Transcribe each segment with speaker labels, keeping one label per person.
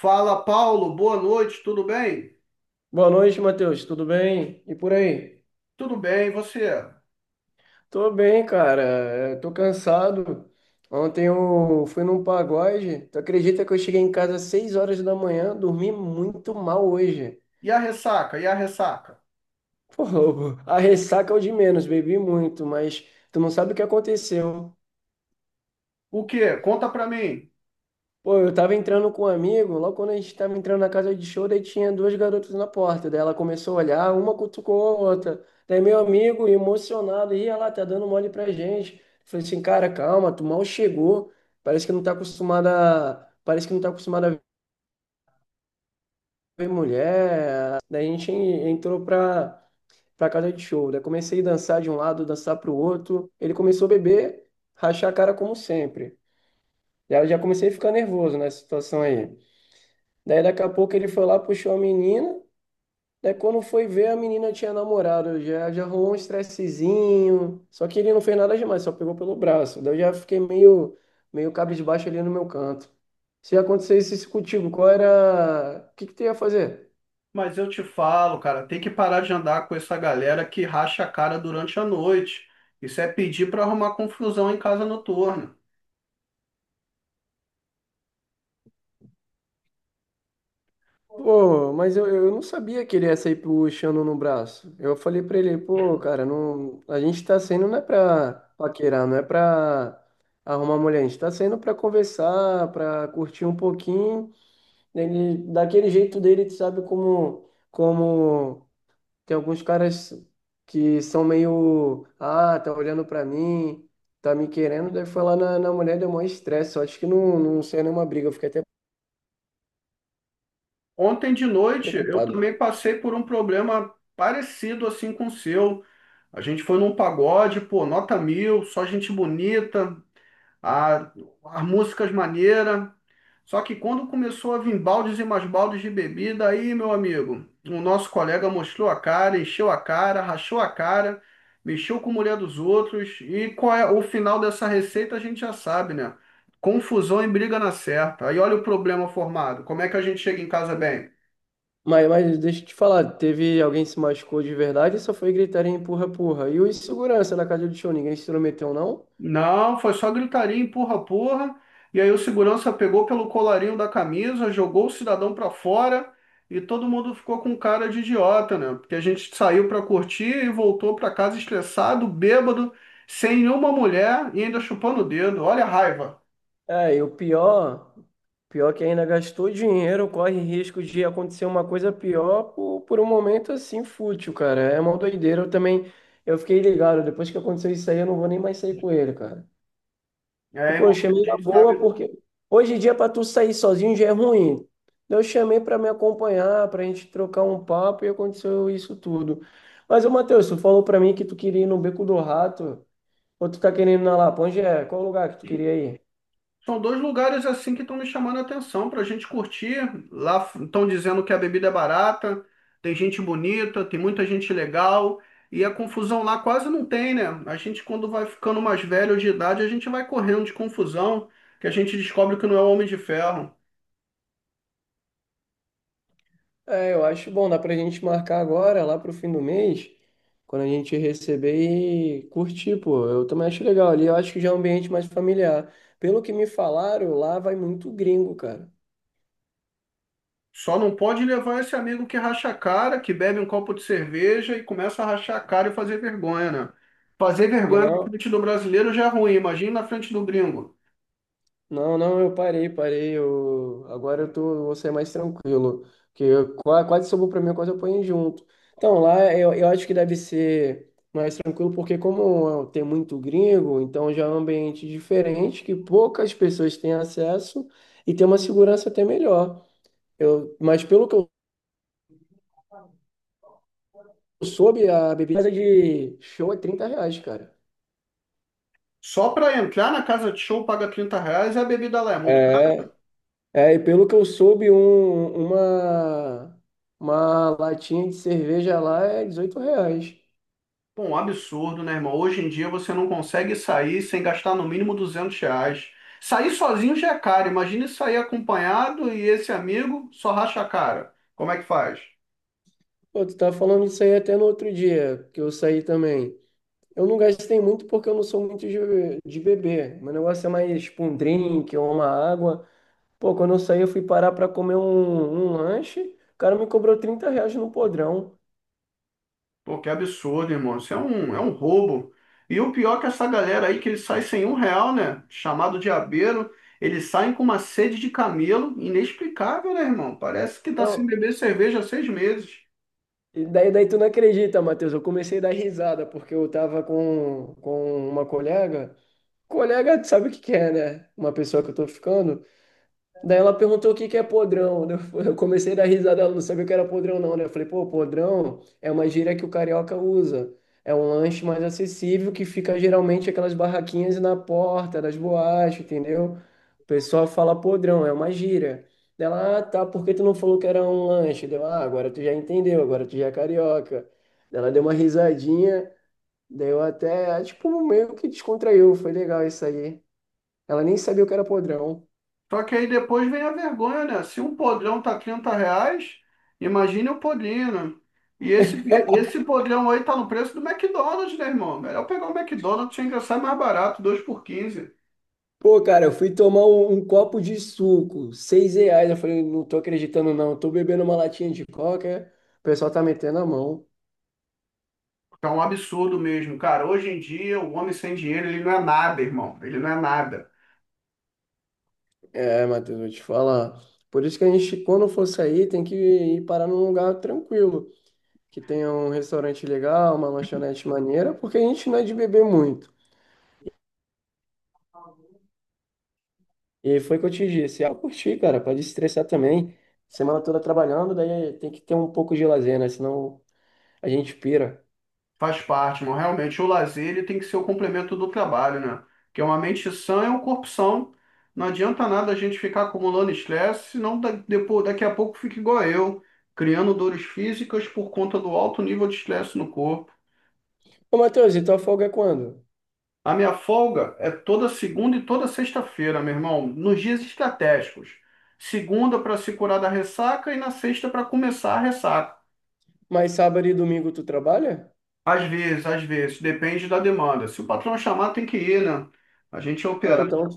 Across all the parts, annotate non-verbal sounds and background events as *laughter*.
Speaker 1: Fala, Paulo, boa noite, tudo bem?
Speaker 2: Boa noite, Matheus. Tudo bem? E por aí?
Speaker 1: Tudo bem, e você?
Speaker 2: Tô bem, cara. É, tô cansado. Ontem eu fui num pagode. Tu acredita que eu cheguei em casa às 6 horas da manhã? Dormi muito mal hoje.
Speaker 1: E a ressaca? E a ressaca?
Speaker 2: *laughs* Pô, a ressaca é o de menos, bebi muito, mas tu não sabe o que aconteceu.
Speaker 1: O quê? Conta pra mim.
Speaker 2: Pô, eu tava entrando com um amigo, logo quando a gente tava entrando na casa de show, daí tinha duas garotas na porta. Daí ela começou a olhar, uma cutucou a outra. Daí meu amigo, emocionado, ia lá, tá dando mole pra gente. Falei assim, cara, calma, tu mal chegou. Parece que não tá acostumada, parece que não tá acostumada a ver mulher. Daí a gente entrou pra casa de show. Daí comecei a dançar de um lado, dançar pro outro. Ele começou a beber, rachar a cara como sempre. Daí eu já comecei a ficar nervoso nessa situação aí. Daí daqui a pouco ele foi lá, puxou a menina. Daí quando foi ver, a menina tinha namorado. Já arrumou um estressezinho. Só que ele não fez nada demais, só pegou pelo braço. Daí eu já fiquei meio cabisbaixo ali no meu canto. Se acontecesse isso contigo, qual era. O que que tu ia fazer?
Speaker 1: Mas eu te falo, cara, tem que parar de andar com essa galera que racha a cara durante a noite. Isso é pedir pra arrumar confusão em casa noturna.
Speaker 2: Pô, mas eu não sabia que ele ia sair puxando no braço. Eu falei pra ele, pô, cara, não, a gente tá saindo não é pra paquerar, não é pra arrumar mulher. A gente tá saindo pra conversar, pra curtir um pouquinho. Ele, daquele jeito dele, tu sabe como, como tem alguns caras que são meio, ah, tá olhando pra mim, tá me querendo, daí foi lá na mulher, deu maior estresse, só acho que não saiu nenhuma briga, eu fiquei até
Speaker 1: Ontem de noite eu
Speaker 2: preocupado.
Speaker 1: também passei por um problema parecido assim com o seu. A gente foi num pagode, pô, nota mil, só gente bonita, a, as músicas maneiras. Só que quando começou a vir baldes e mais baldes de bebida, aí, meu amigo, o nosso colega mostrou a cara, encheu a cara, rachou a cara, mexeu com a mulher dos outros. E qual é o final dessa receita, a gente já sabe, né? Confusão e briga na certa. Aí olha o problema formado. Como é que a gente chega em casa bem?
Speaker 2: Mas deixa eu te falar, teve alguém que se machucou de verdade, só foi gritar em empurra, empurra. E o segurança da casa do show, ninguém se intrometeu, não?
Speaker 1: Não, foi só gritaria, empurra, porra. E aí o segurança pegou pelo colarinho da camisa, jogou o cidadão pra fora e todo mundo ficou com cara de idiota, né? Porque a gente saiu pra curtir e voltou pra casa estressado, bêbado, sem nenhuma mulher e ainda chupando o dedo. Olha a raiva.
Speaker 2: É, e o pior que ainda gastou dinheiro, corre risco de acontecer uma coisa pior por um momento assim fútil, cara. É uma doideira. Eu também, eu fiquei ligado, depois que aconteceu isso aí, eu não vou nem mais sair com ele, cara. E,
Speaker 1: É,
Speaker 2: pô, eu
Speaker 1: irmão,
Speaker 2: chamei
Speaker 1: porque a
Speaker 2: na
Speaker 1: gente
Speaker 2: boa,
Speaker 1: sabe.
Speaker 2: porque hoje em dia pra tu sair sozinho já é ruim. Então, eu chamei pra me acompanhar, pra gente trocar um papo e aconteceu isso tudo. Mas, ô, Matheus, tu falou pra mim que tu queria ir no Beco do Rato, ou tu tá querendo ir na Lapa? Onde é? Qual o lugar que tu queria ir?
Speaker 1: São dois lugares assim que estão me chamando a atenção para a gente curtir. Lá estão dizendo que a bebida é barata, tem gente bonita, tem muita gente legal e a confusão lá quase não tem, né? A gente, quando vai ficando mais velho de idade, a gente vai correndo de confusão, que a gente descobre que não é o Homem de Ferro.
Speaker 2: É, eu acho bom, dá pra gente marcar agora, lá pro fim do mês, quando a gente receber e curtir, pô. Eu também acho legal ali, eu acho que já é um ambiente mais familiar. Pelo que me falaram, lá vai muito gringo, cara.
Speaker 1: Só não pode levar esse amigo que racha a cara, que bebe um copo de cerveja e começa a rachar a cara e fazer vergonha, né? Fazer vergonha na
Speaker 2: Não.
Speaker 1: frente do brasileiro já é ruim, imagina na frente do gringo.
Speaker 2: Não, não, eu parei, parei. Eu, agora eu tô, vou ser mais tranquilo. Porque eu quase sobrou pra mim, eu quase apanhei junto. Então, lá eu acho que deve ser mais tranquilo, porque como tem muito gringo, então já é um ambiente diferente, que poucas pessoas têm acesso e tem uma segurança até melhor. Eu, mas pelo que eu soube, a bebida de show é 30 reais, cara.
Speaker 1: Só para entrar na casa de show paga R$ 30 e a bebida lá é muito.
Speaker 2: É. É, e pelo que eu soube, uma latinha de cerveja lá é 18 reais.
Speaker 1: Bom, um absurdo, né, irmão? Hoje em dia você não consegue sair sem gastar no mínimo R$ 200. Sair sozinho já é caro. Imagine sair acompanhado e esse amigo só racha a cara. Como é que faz?
Speaker 2: Pô, tu tá falando isso aí até no outro dia, que eu saí também. Eu não gastei muito porque eu não sou muito de beber. Meu negócio é mais tipo um drink ou uma água. Pô, quando eu saí, eu fui parar pra comer um lanche. O cara me cobrou 30 reais no podrão.
Speaker 1: Pô, que absurdo, irmão. Isso é um roubo. E o pior é que essa galera aí que eles saem sem um real, né? Chamado de abeiro, eles saem com uma sede de camelo inexplicável, né, irmão? Parece que tá sem
Speaker 2: Não,
Speaker 1: beber cerveja há 6 meses.
Speaker 2: e daí, daí tu não acredita, Matheus. Eu comecei a dar risada porque eu tava com uma colega. Colega, sabe o que que é, né? Uma pessoa que eu tô ficando. Daí ela perguntou o que que é podrão. *laughs* Né? Eu comecei a dar risada, ela não sabia o que era podrão, não, né? Eu falei, pô, podrão é uma gíria que o carioca usa. É um lanche mais acessível que fica geralmente aquelas barraquinhas na porta das boates, entendeu? O pessoal fala podrão, é uma gíria. Daí ela, ah, tá, por que tu não falou que era um lanche? Deu, ah, agora tu já entendeu, agora tu já é carioca. Daí ela deu uma risadinha, daí eu até, tipo, meio que descontraiu, foi legal isso aí. Ela nem sabia o que era podrão.
Speaker 1: Só que aí depois vem a vergonha, né? Se um podrão tá R$ 30, imagine o podrinho, né? E esse podrão aí tá no preço do McDonald's, né, irmão? Melhor pegar o McDonald's, tinha que sai mais barato, 2 por 15.
Speaker 2: Pô, cara, eu fui tomar um copo de suco, seis reais. Eu falei, não tô acreditando, não. Eu tô bebendo uma latinha de coca, o pessoal tá metendo a mão.
Speaker 1: Tá um absurdo mesmo, cara. Hoje em dia, o homem sem dinheiro, ele não é nada, irmão. Ele não é nada.
Speaker 2: É, Matheus, vou te falar. Por isso que a gente, quando for sair, tem que ir parar num lugar tranquilo, que tenha um restaurante legal, uma lanchonete maneira, porque a gente não é de beber muito. E foi o que eu te disse. Ah, curti, cara, pode estressar também. Semana toda trabalhando, daí tem que ter um pouco de lazer, né? Senão a gente pira.
Speaker 1: Faz parte, mas realmente o lazer ele tem que ser o complemento do trabalho, né? Porque uma mente sã é um corpo são. Não adianta nada a gente ficar acumulando estresse, senão depois, daqui a pouco fica igual eu, criando dores físicas por conta do alto nível de estresse no corpo.
Speaker 2: Ô, Matheus, e tua folga é quando?
Speaker 1: A minha folga é toda segunda e toda sexta-feira, meu irmão, nos dias estratégicos. Segunda para se curar da ressaca e na sexta para começar a ressaca.
Speaker 2: Mas sábado e domingo tu trabalha?
Speaker 1: Às vezes, depende da demanda. Se o patrão chamar, tem que ir, né? A gente é
Speaker 2: Não,
Speaker 1: operário.
Speaker 2: então,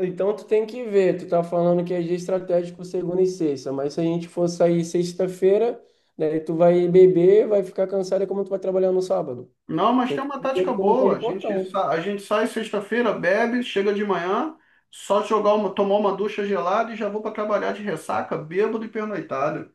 Speaker 2: então tu tem que ver. Tu tá falando que é dia estratégico segunda e sexta, mas se a gente for sair sexta-feira, daí tu vai beber, vai ficar cansado, é como tu vai trabalhar no sábado.
Speaker 1: Não, mas
Speaker 2: Tem
Speaker 1: tem
Speaker 2: que
Speaker 1: uma
Speaker 2: ver
Speaker 1: tática
Speaker 2: que tu não
Speaker 1: boa.
Speaker 2: pode contar. Né?
Speaker 1: A gente sai sexta-feira, bebe, chega de manhã, só jogar uma, tomar uma ducha gelada e já vou para trabalhar de ressaca, bêbado e pernoitado.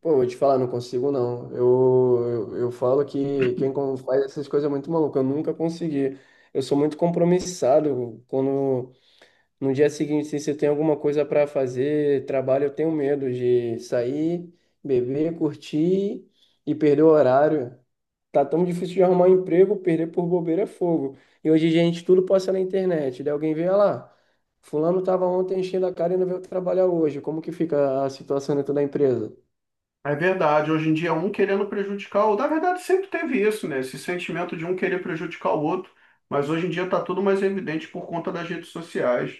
Speaker 2: Pô, vou te falar, não consigo não. Eu falo que quem faz essas coisas é muito maluco. Eu nunca consegui. Eu sou muito compromissado quando, no dia seguinte, assim, se você tem alguma coisa para fazer, trabalho, eu tenho medo de sair, beber, curtir e perder o horário. Tá tão difícil de arrumar um emprego, perder por bobeira é fogo. E hoje, gente, tudo passa na internet. Daí alguém vê, "Ah lá. Fulano estava ontem enchendo a cara e não veio trabalhar hoje." Como que fica a situação dentro da empresa?
Speaker 1: É verdade, hoje em dia um querendo prejudicar o outro. Na verdade, sempre teve isso, né? Esse sentimento de um querer prejudicar o outro. Mas hoje em dia está tudo mais evidente por conta das redes sociais.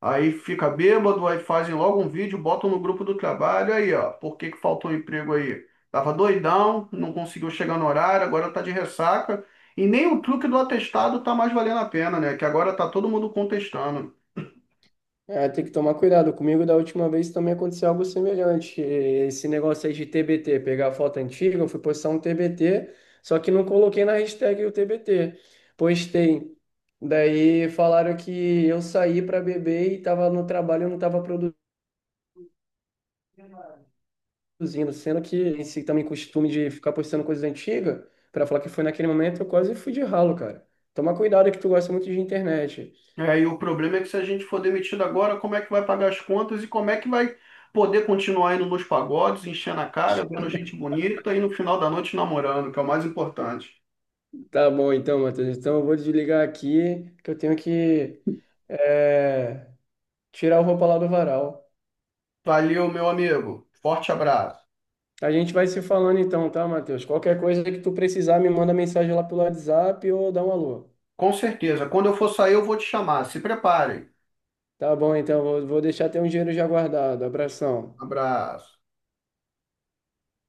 Speaker 1: Aí fica bêbado, aí fazem logo um vídeo, botam no grupo do trabalho. Aí, ó, por que que faltou emprego aí? Tava doidão, não conseguiu chegar no horário, agora tá de ressaca. E nem o truque do atestado tá mais valendo a pena, né? Que agora tá todo mundo contestando.
Speaker 2: É, tem que tomar cuidado. Comigo, da última vez, também aconteceu algo semelhante. Esse negócio aí de TBT, pegar a foto antiga, eu fui postar um TBT, só que não coloquei na hashtag o TBT. Postei. Daí falaram que eu saí para beber e estava no trabalho e não estava produzindo, sendo que esse também costume de ficar postando coisas antigas, para falar que foi naquele momento, eu quase fui de ralo, cara. Toma cuidado que tu gosta muito de internet.
Speaker 1: É, e o problema é que se a gente for demitido agora, como é que vai pagar as contas e como é que vai poder continuar indo nos pagodes, enchendo a cara, vendo gente bonita e no final da noite namorando, que é o mais importante.
Speaker 2: Tá bom então, Matheus. Então eu vou desligar aqui que eu tenho que é, tirar a roupa lá do varal.
Speaker 1: Valeu, meu amigo. Forte abraço.
Speaker 2: A gente vai se falando então, tá, Matheus? Qualquer coisa que tu precisar, me manda mensagem lá pelo WhatsApp ou dá um alô.
Speaker 1: Com certeza. Quando eu for sair, eu vou te chamar. Se preparem.
Speaker 2: Tá bom, então, vou deixar teu dinheiro já guardado. Abração.
Speaker 1: Abraço.